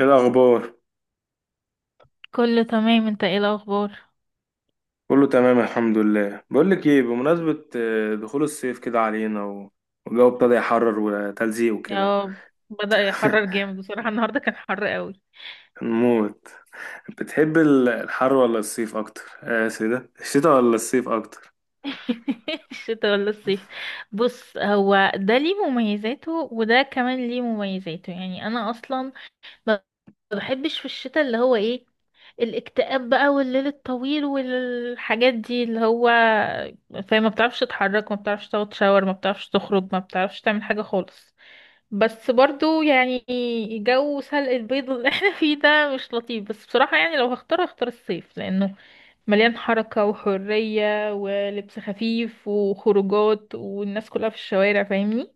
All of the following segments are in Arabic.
ايه الاخبار؟ كله تمام، انت ايه الاخبار؟ كله تمام، الحمد لله. بقول لك ايه، بمناسبه دخول الصيف كده علينا والجو ابتدى يحرر وتلزيق وكده. اه، بدأ يحرر جامد بصراحة، النهاردة كان حر قوي. نموت. بتحب الحر ولا الصيف اكتر؟ اسف، ده الشتاء ولا الصيف اكتر؟ الشتاء ولا الصيف؟ بص، هو ده ليه مميزاته وده كمان ليه مميزاته. يعني انا اصلا ما بحبش في الشتاء اللي هو ايه، الاكتئاب بقى والليل الطويل والحاجات دي اللي هو، فما بتعرفش تتحرك، ما بتعرفش تاخد شاور، ما بتعرفش تخرج، ما بتعرفش تعمل حاجة خالص. بس برضو يعني جو سلق البيض اللي احنا فيه ده مش لطيف، بس بصراحة يعني لو هختار هختار الصيف، لأنه مليان حركة وحرية ولبس خفيف وخروجات والناس كلها في الشوارع، فاهمني؟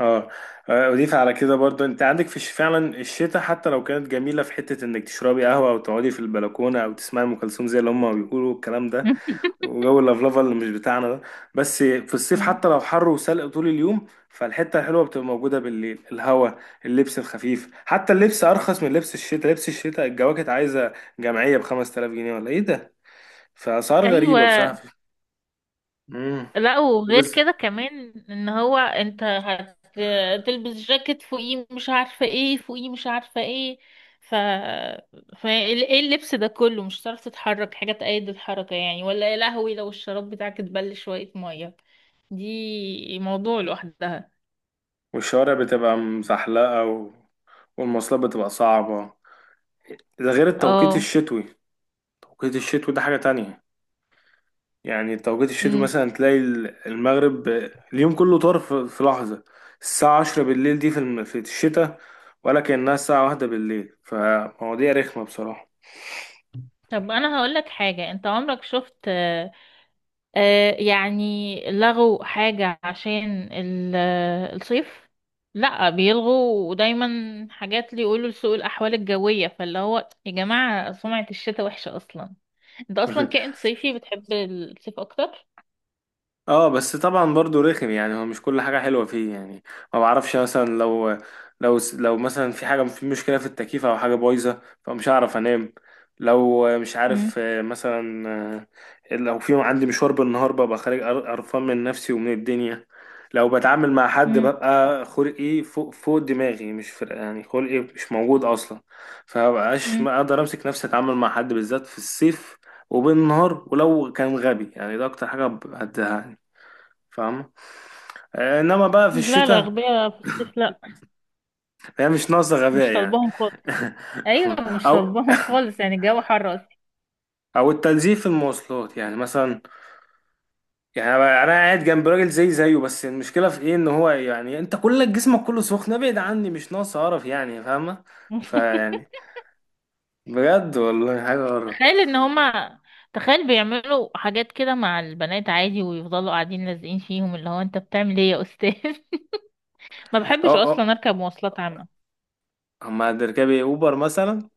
اه. اضيف على كده برضو، انت عندك فعلا الشتاء حتى لو كانت جميله، في حته انك تشربي قهوه او تقعدي في البلكونه او تسمعي ام كلثوم زي اللي هم بيقولوا الكلام ده، وجو اللفلفه اللي مش بتاعنا ده. بس في الصيف مم. حتى لو حر وسلق طول اليوم، فالحته الحلوه بتبقى موجوده بالليل، الهوا، اللبس الخفيف. حتى اللبس ارخص من لبس الشتاء، لبس الشتاء الجواكت عايزه جمعيه ب 5000 جنيه ولا ايه ده؟ فاسعار غريبه أيوة. بصراحه. امم، لا، وغير وبس. كده كمان ان هو انت هتلبس جاكيت، فوقيه مش عارفة ايه، فوقيه مش عارفة ايه، ف... ف ايه اللبس ده كله؟ مش هتعرف تتحرك حاجة تأيد الحركة يعني، ولا يا لهوي لو الشراب بتاعك اتبل شوية مية دي موضوع لوحدها. والشوارع بتبقى مزحلقه، والمواصلات بتبقى صعبه. ده غير التوقيت اه. الشتوي، توقيت الشتوي ده حاجه تانية. يعني توقيت الشتوي أمم. مثلا تلاقي المغرب اليوم كله طار في لحظة. الساعة عشرة بالليل دي في الشتاء ولا كأنها الساعة واحدة بالليل، فمواضيع رخمة بصراحة. طب انا هقولك حاجة، انت عمرك شفت يعني لغوا حاجة عشان الصيف؟ لا، بيلغوا دايما حاجات اللي يقولوا لسوء الأحوال الجوية، فاللي هو يا جماعة سمعة الشتاء وحشة أصلا. أنت أصلا كائن صيفي، بتحب الصيف أكتر؟ اه، بس طبعا برضو رخم، يعني هو مش كل حاجة حلوة فيه يعني. ما بعرفش مثلا، لو لو مثلا في حاجة، في مشكلة في التكييف او حاجة بايظة، فمش هعرف انام. لو مش مم. عارف، مثلا، لو في عندي مشوار بالنهار ببقى خارج، قرفان من نفسي ومن الدنيا. لو بتعامل مع حد مم. ببقى خلقي فوق دماغي، مش فرق، يعني خلقي مش موجود اصلا. فمبقاش مم. ما اقدر امسك نفسي اتعامل مع حد، بالذات في الصيف وبالنهار، ولو كان غبي يعني. ده اكتر حاجه هتزهقني، فاهم؟ انما بقى في لا لا، الشتاء أغبياء في الصيف لا، هي مش ناقصه غباء مش يعني. طالباهم خالص. أيوة، مش او طالباهم خالص، يعني الجو حر أصلا. او التنزيل في المواصلات، يعني مثلا، يعني انا قاعد جنب راجل زي زيه، بس المشكله في ايه؟ ان هو يعني انت كل جسمك كله سخن، ابعد عني مش ناقص قرف، يعني فاهمه؟ فيعني بجد والله حاجه قرف. تخيل ان هما، تخيل بيعملوا حاجات كده مع البنات عادي، ويفضلوا قاعدين لازقين فيهم، اللي هو انت بتعمل ايه يا استاذ؟ ما بحبش اه، اه، اصلا اركب مواصلات عامة. اما تركبي اوبر مثلا.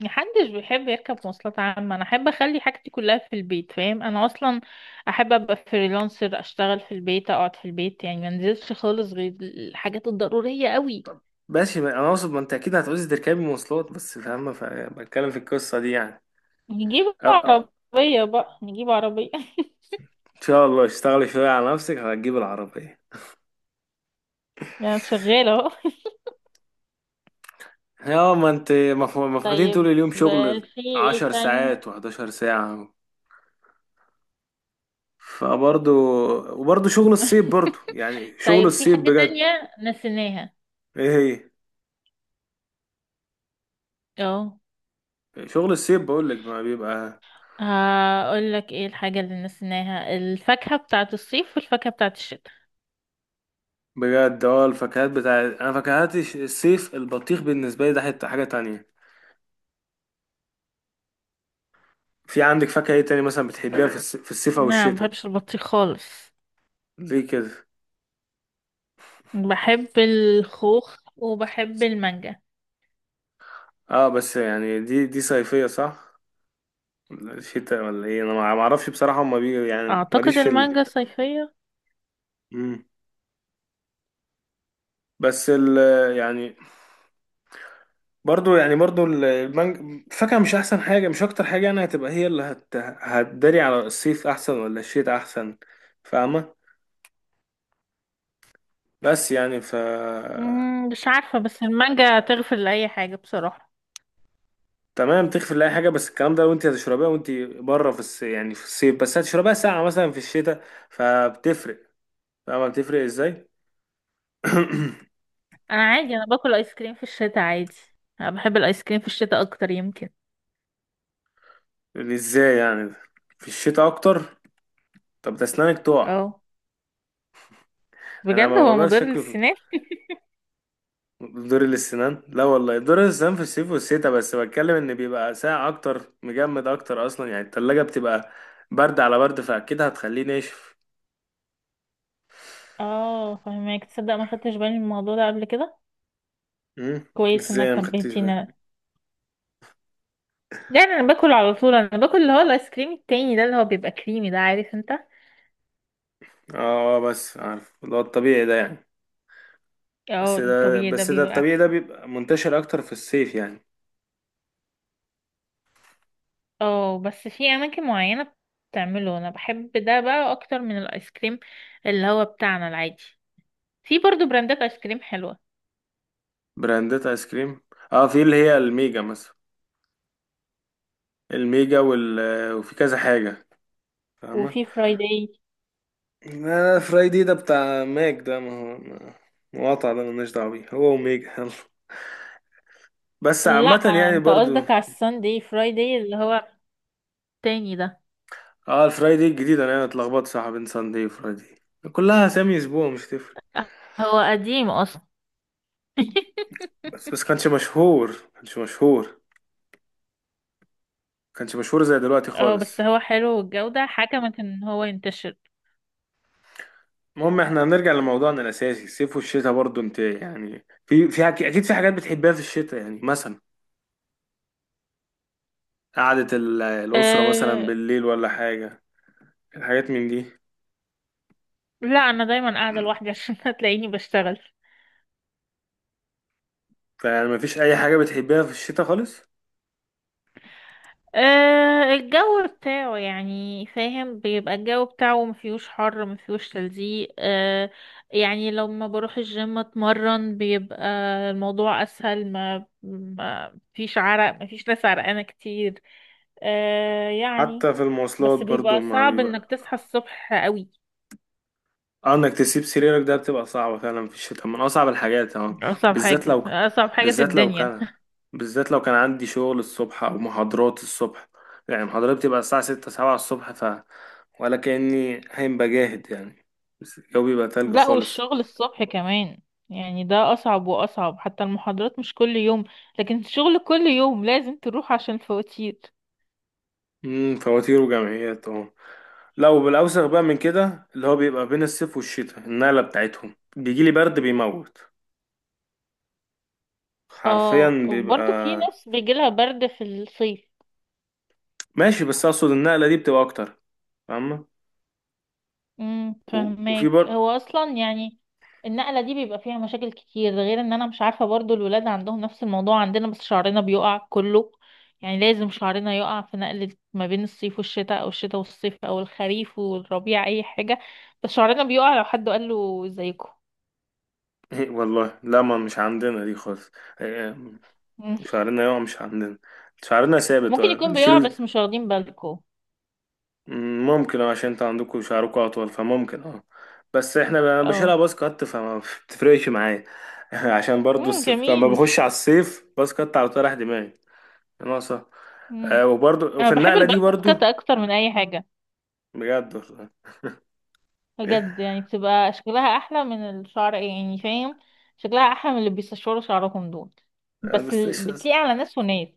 محدش بيحب يركب مواصلات عامة، انا احب اخلي حاجتي كلها في البيت، فاهم؟ انا اصلا احب ابقى فريلانسر، اشتغل في البيت، اقعد في البيت، يعني ما انزلش خالص غير الحاجات الضرورية قوي. ماشي، انا اقصد ما انت اكيد هتعوزي تركبي مواصلات بس، فاهمه؟ فبتكلم في القصه دي يعني. نجيب اه، أه. عربية بقى، نجيب عربية. ان شاء الله اشتغلي شوية على نفسك هتجيب العربية. يعني شغالة اهو. يا ما انت مفقودين طول طيب، اليوم شغل، في ايه عشر تاني؟ ساعات وحداشر ساعة، فبرضو، وبرضو شغل الصيب، برضو يعني شغل طيب في الصيب حاجة بجد. تانية نسيناها. ايه هي؟ اه، شغل الصيب بقولك ما بيبقى. هقول لك ايه الحاجة اللي نسيناها، الفاكهة بتاعة الصيف والفاكهة بتاعة الشتاء. بجد، اه، الفاكهات بتاع، انا فاكهات الصيف، البطيخ بالنسبة لي ده حتة حاجة تانية. في عندك فاكهة ايه تاني مثلا بتحبيها في الصيف او نعم، ما الشتاء؟ بحبش البطيخ خالص. ليه كده؟ بحب الخوخ وبحب المانجا. اه بس يعني دي صيفية، صح؟ شتاء ولا ايه؟ انا ما اعرفش بصراحه، هما بي يعني ماليش اعتقد في المانجا صيفية. مم. بس ال، يعني، برضو يعني برضو ال- المانج الفاكهه مش احسن حاجه، مش اكتر حاجه. يعني هتبقى هي اللي هتداري على الصيف احسن ولا الشتاء احسن، فاهمه؟ بس يعني ف، مم، مش عارفة، بس المانجا تغفر لأي حاجة بصراحة. تمام تغفر لاي حاجه، بس الكلام ده لو انت هتشربيها وانت بره يعني في الصيف، بس هتشربيها ساعه مثلا في الشتاء، فبتفرق. فاهمه بتفرق ازاي؟ انا عادي، انا باكل ايس كريم في الشتاء عادي. انا بحب الايس كريم في الشتاء اكتر يمكن. ازاي يعني؟ في الشتاء اكتر؟ طب ده اسنانك تقع. اه. انا بجد ما هو بقدرش مضر شكله في للسنان؟ دور الاسنان، لا والله دور الاسنان في الصيف والشتاء، بس بتكلم ان بيبقى ساقع اكتر، مجمد اكتر اصلا، يعني التلاجة بتبقى برد على برد فاكيد هتخليه ناشف. اه فهمك، تصدق ما خدتش بالي من الموضوع ده قبل كده؟ امم. كويس ازاي انا انك مخدتش بالي؟ نبهتيني. يعني انا باكل على طول، انا باكل اللي هو الايس كريم التاني ده اللي هو بيبقى كريمي ده، عارف انت؟ اه، بس عارف اللي هو الطبيعي ده يعني. اه الطبيعي ده بس ده بيبقى الطبيعي احلى. ده بيبقى منتشر اكتر في الصيف يعني. اه بس في اماكن معينة بتعمله، انا بحب ده بقى اكتر من الايس كريم اللي هو بتاعنا العادي. في برضو براندات ايس كريم حلوة، براندات ايس كريم، اه، في اللي هي الميجا مثلا، الميجا وفي كذا حاجة، فاهمة؟ وفي فرايداي. لا، لا، فراي دي ده بتاع ماك ده، ما هو مقاطع، ده ملناش دعوة بيه هو وميجا، يلا بس لا، عامة يعني انت برضو. قصدك على الساندي فرايداي اللي هو التاني ده. اه، الفراي دي الجديدة، انا يعني اتلخبطت صح بين ساندي وفراي دي، كلها اسامي اسبوع، مش تفرق. هو قديم اصلا. بس بس كانش مشهور، كانش مشهور، كانش مشهور زي دلوقتي اه بس خالص. هو حلو، والجودة حكمت ان هو ينتشر. المهم احنا هنرجع لموضوعنا الاساسي، الصيف والشتاء، برضو انت يعني في اكيد في حاجات بتحبها في الشتاء، يعني مثلا قعدة الأسرة مثلا أه. بالليل ولا حاجة، الحاجات من دي. لا، انا دايما قاعدة لوحدي عشان هتلاقيني بشتغل. فيعني مفيش أي حاجة بتحبها في الشتاء خالص؟ أه الجو بتاعه، يعني فاهم، بيبقى الجو بتاعه مفيهوش حر مفيهوش تلزيق. أه يعني لما بروح الجيم اتمرن بيبقى الموضوع اسهل، ما فيش عرق، مفيش ناس عرقانة كتير. أه يعني. حتى في المواصلات بس برضو بيبقى ما صعب بيبقى. انك تصحى الصبح قوي. انك تسيب سريرك ده بتبقى صعبة فعلا، في الشتاء من اصعب الحاجات، اه. اصعب بالذات حاجة، لو ك... اصعب حاجة في بالذات لو الدنيا. كان بالذات لو كان عندي شغل الصبح او محاضرات الصبح يعني محاضرات بتبقى الساعة ستة سبعة الصبح ف ولا كأني هين بجاهد يعني بس الجو بيبقى تلج لا، خالص والشغل الصبح كمان، يعني ده أصعب وأصعب. حتى المحاضرات مش كل يوم، لكن الشغل كل يوم لازم تروح عشان الفواتير. فواتير وجمعيات اه لو بالاوسخ بقى من كده اللي هو بيبقى بين الصيف والشتاء النقلة بتاعتهم، بيجيلي برد بيموت، اه، حرفيا بيبقى. وبرضه في ناس بيجيلها برد في الصيف. ماشي، بس اقصد النقلة دي بتبقى اكتر، فاهمة؟ وفي فهماك، برضه. هو أصلا يعني النقلة دي بيبقى فيها مشاكل كتير، غير ان انا مش عارفة برضه الولاد عندهم نفس الموضوع عندنا، بس شعرنا بيقع كله. يعني لازم شعرنا يقع في نقلة ما بين الصيف والشتاء، او الشتاء والصيف، او الخريف والربيع، اي حاجة بس شعرنا بيقع. لو حد قال له زيكم؟ والله لا، ما مش عندنا دي خالص. إيه، مم. شعرنا يقع مش عندنا، شعرنا ثابت، ممكن يكون بيقع بنشيله. بس مش واخدين بالكم. مم، ممكن، اه، عشان انتوا عندكوا شعركوا اطول فممكن، اه. بس احنا انا اه. بشيلها باص كات فما بتفرقش معايا، عشان برضه مم، الصيف لما جميل. بخش على الصيف باص كات على طول رايح دماغي. ناقصة. مم. آه، وبرضه انا وفي بحب النقلة دي الباك برضه، كات اكتر من اي حاجه. بجد والله. بجد، يعني بتبقى شكلها احلى من الشعر، يعني فاهم؟ شكلها احلى من اللي بيستشوروا شعرهم دول. آه، بس بس إيش- بتليق على ناس وناس.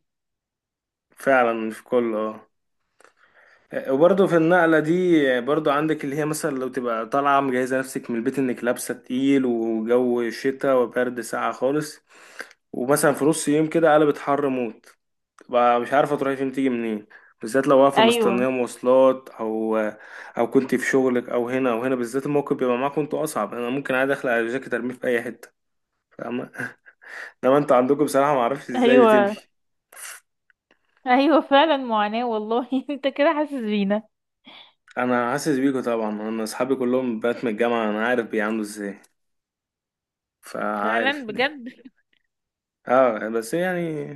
فعلا مش كله، اه. وبرضه في النقلة دي برضه عندك اللي هي مثلا، لو تبقى طالعة مجهزة نفسك من البيت انك لابسة تقيل وجو شتا وبرد ساقعة خالص، ومثلا في نص يوم كده قلبت حر موت، تبقى مش عارفة تروحي فين تيجي منين، بالذات لو واقفة مستنية ايوه. مواصلات، أو أو كنت في شغلك أو هنا أو هنا. بالذات الموقف بيبقى معاكم انتوا أصعب، أنا ممكن عادي أخلع الجاكيت أرميه في أي حتة، فاهمة؟ إنما انتوا عندكم بصراحة معرفش ازاي ايوه. بتمشي. ايوه فعلا، معاناه والله. انت كده حاسس بينا. أنا حاسس بيكوا طبعا، أنا أصحابي كلهم بنات من الجامعة، أنا عارف بيعملوا ازاي، فعارف فعلا بجد. اه بس يعني،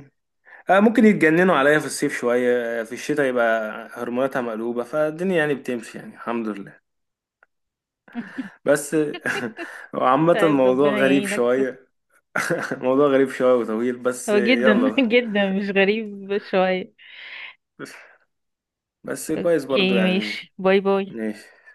آه، ممكن يتجننوا عليا في الصيف شوية، في الشتاء يبقى هرموناتها مقلوبة فالدنيا يعني بتمشي، يعني الحمد لله. بس عامة طيب الموضوع ربنا غريب يعينك. شوية. موضوع غريب شوية وطويل، بس هو جدا يلا. جدا مش غريب شويه. بس كويس برضو اوكي يعني. ماشي، باي باي. ماشي.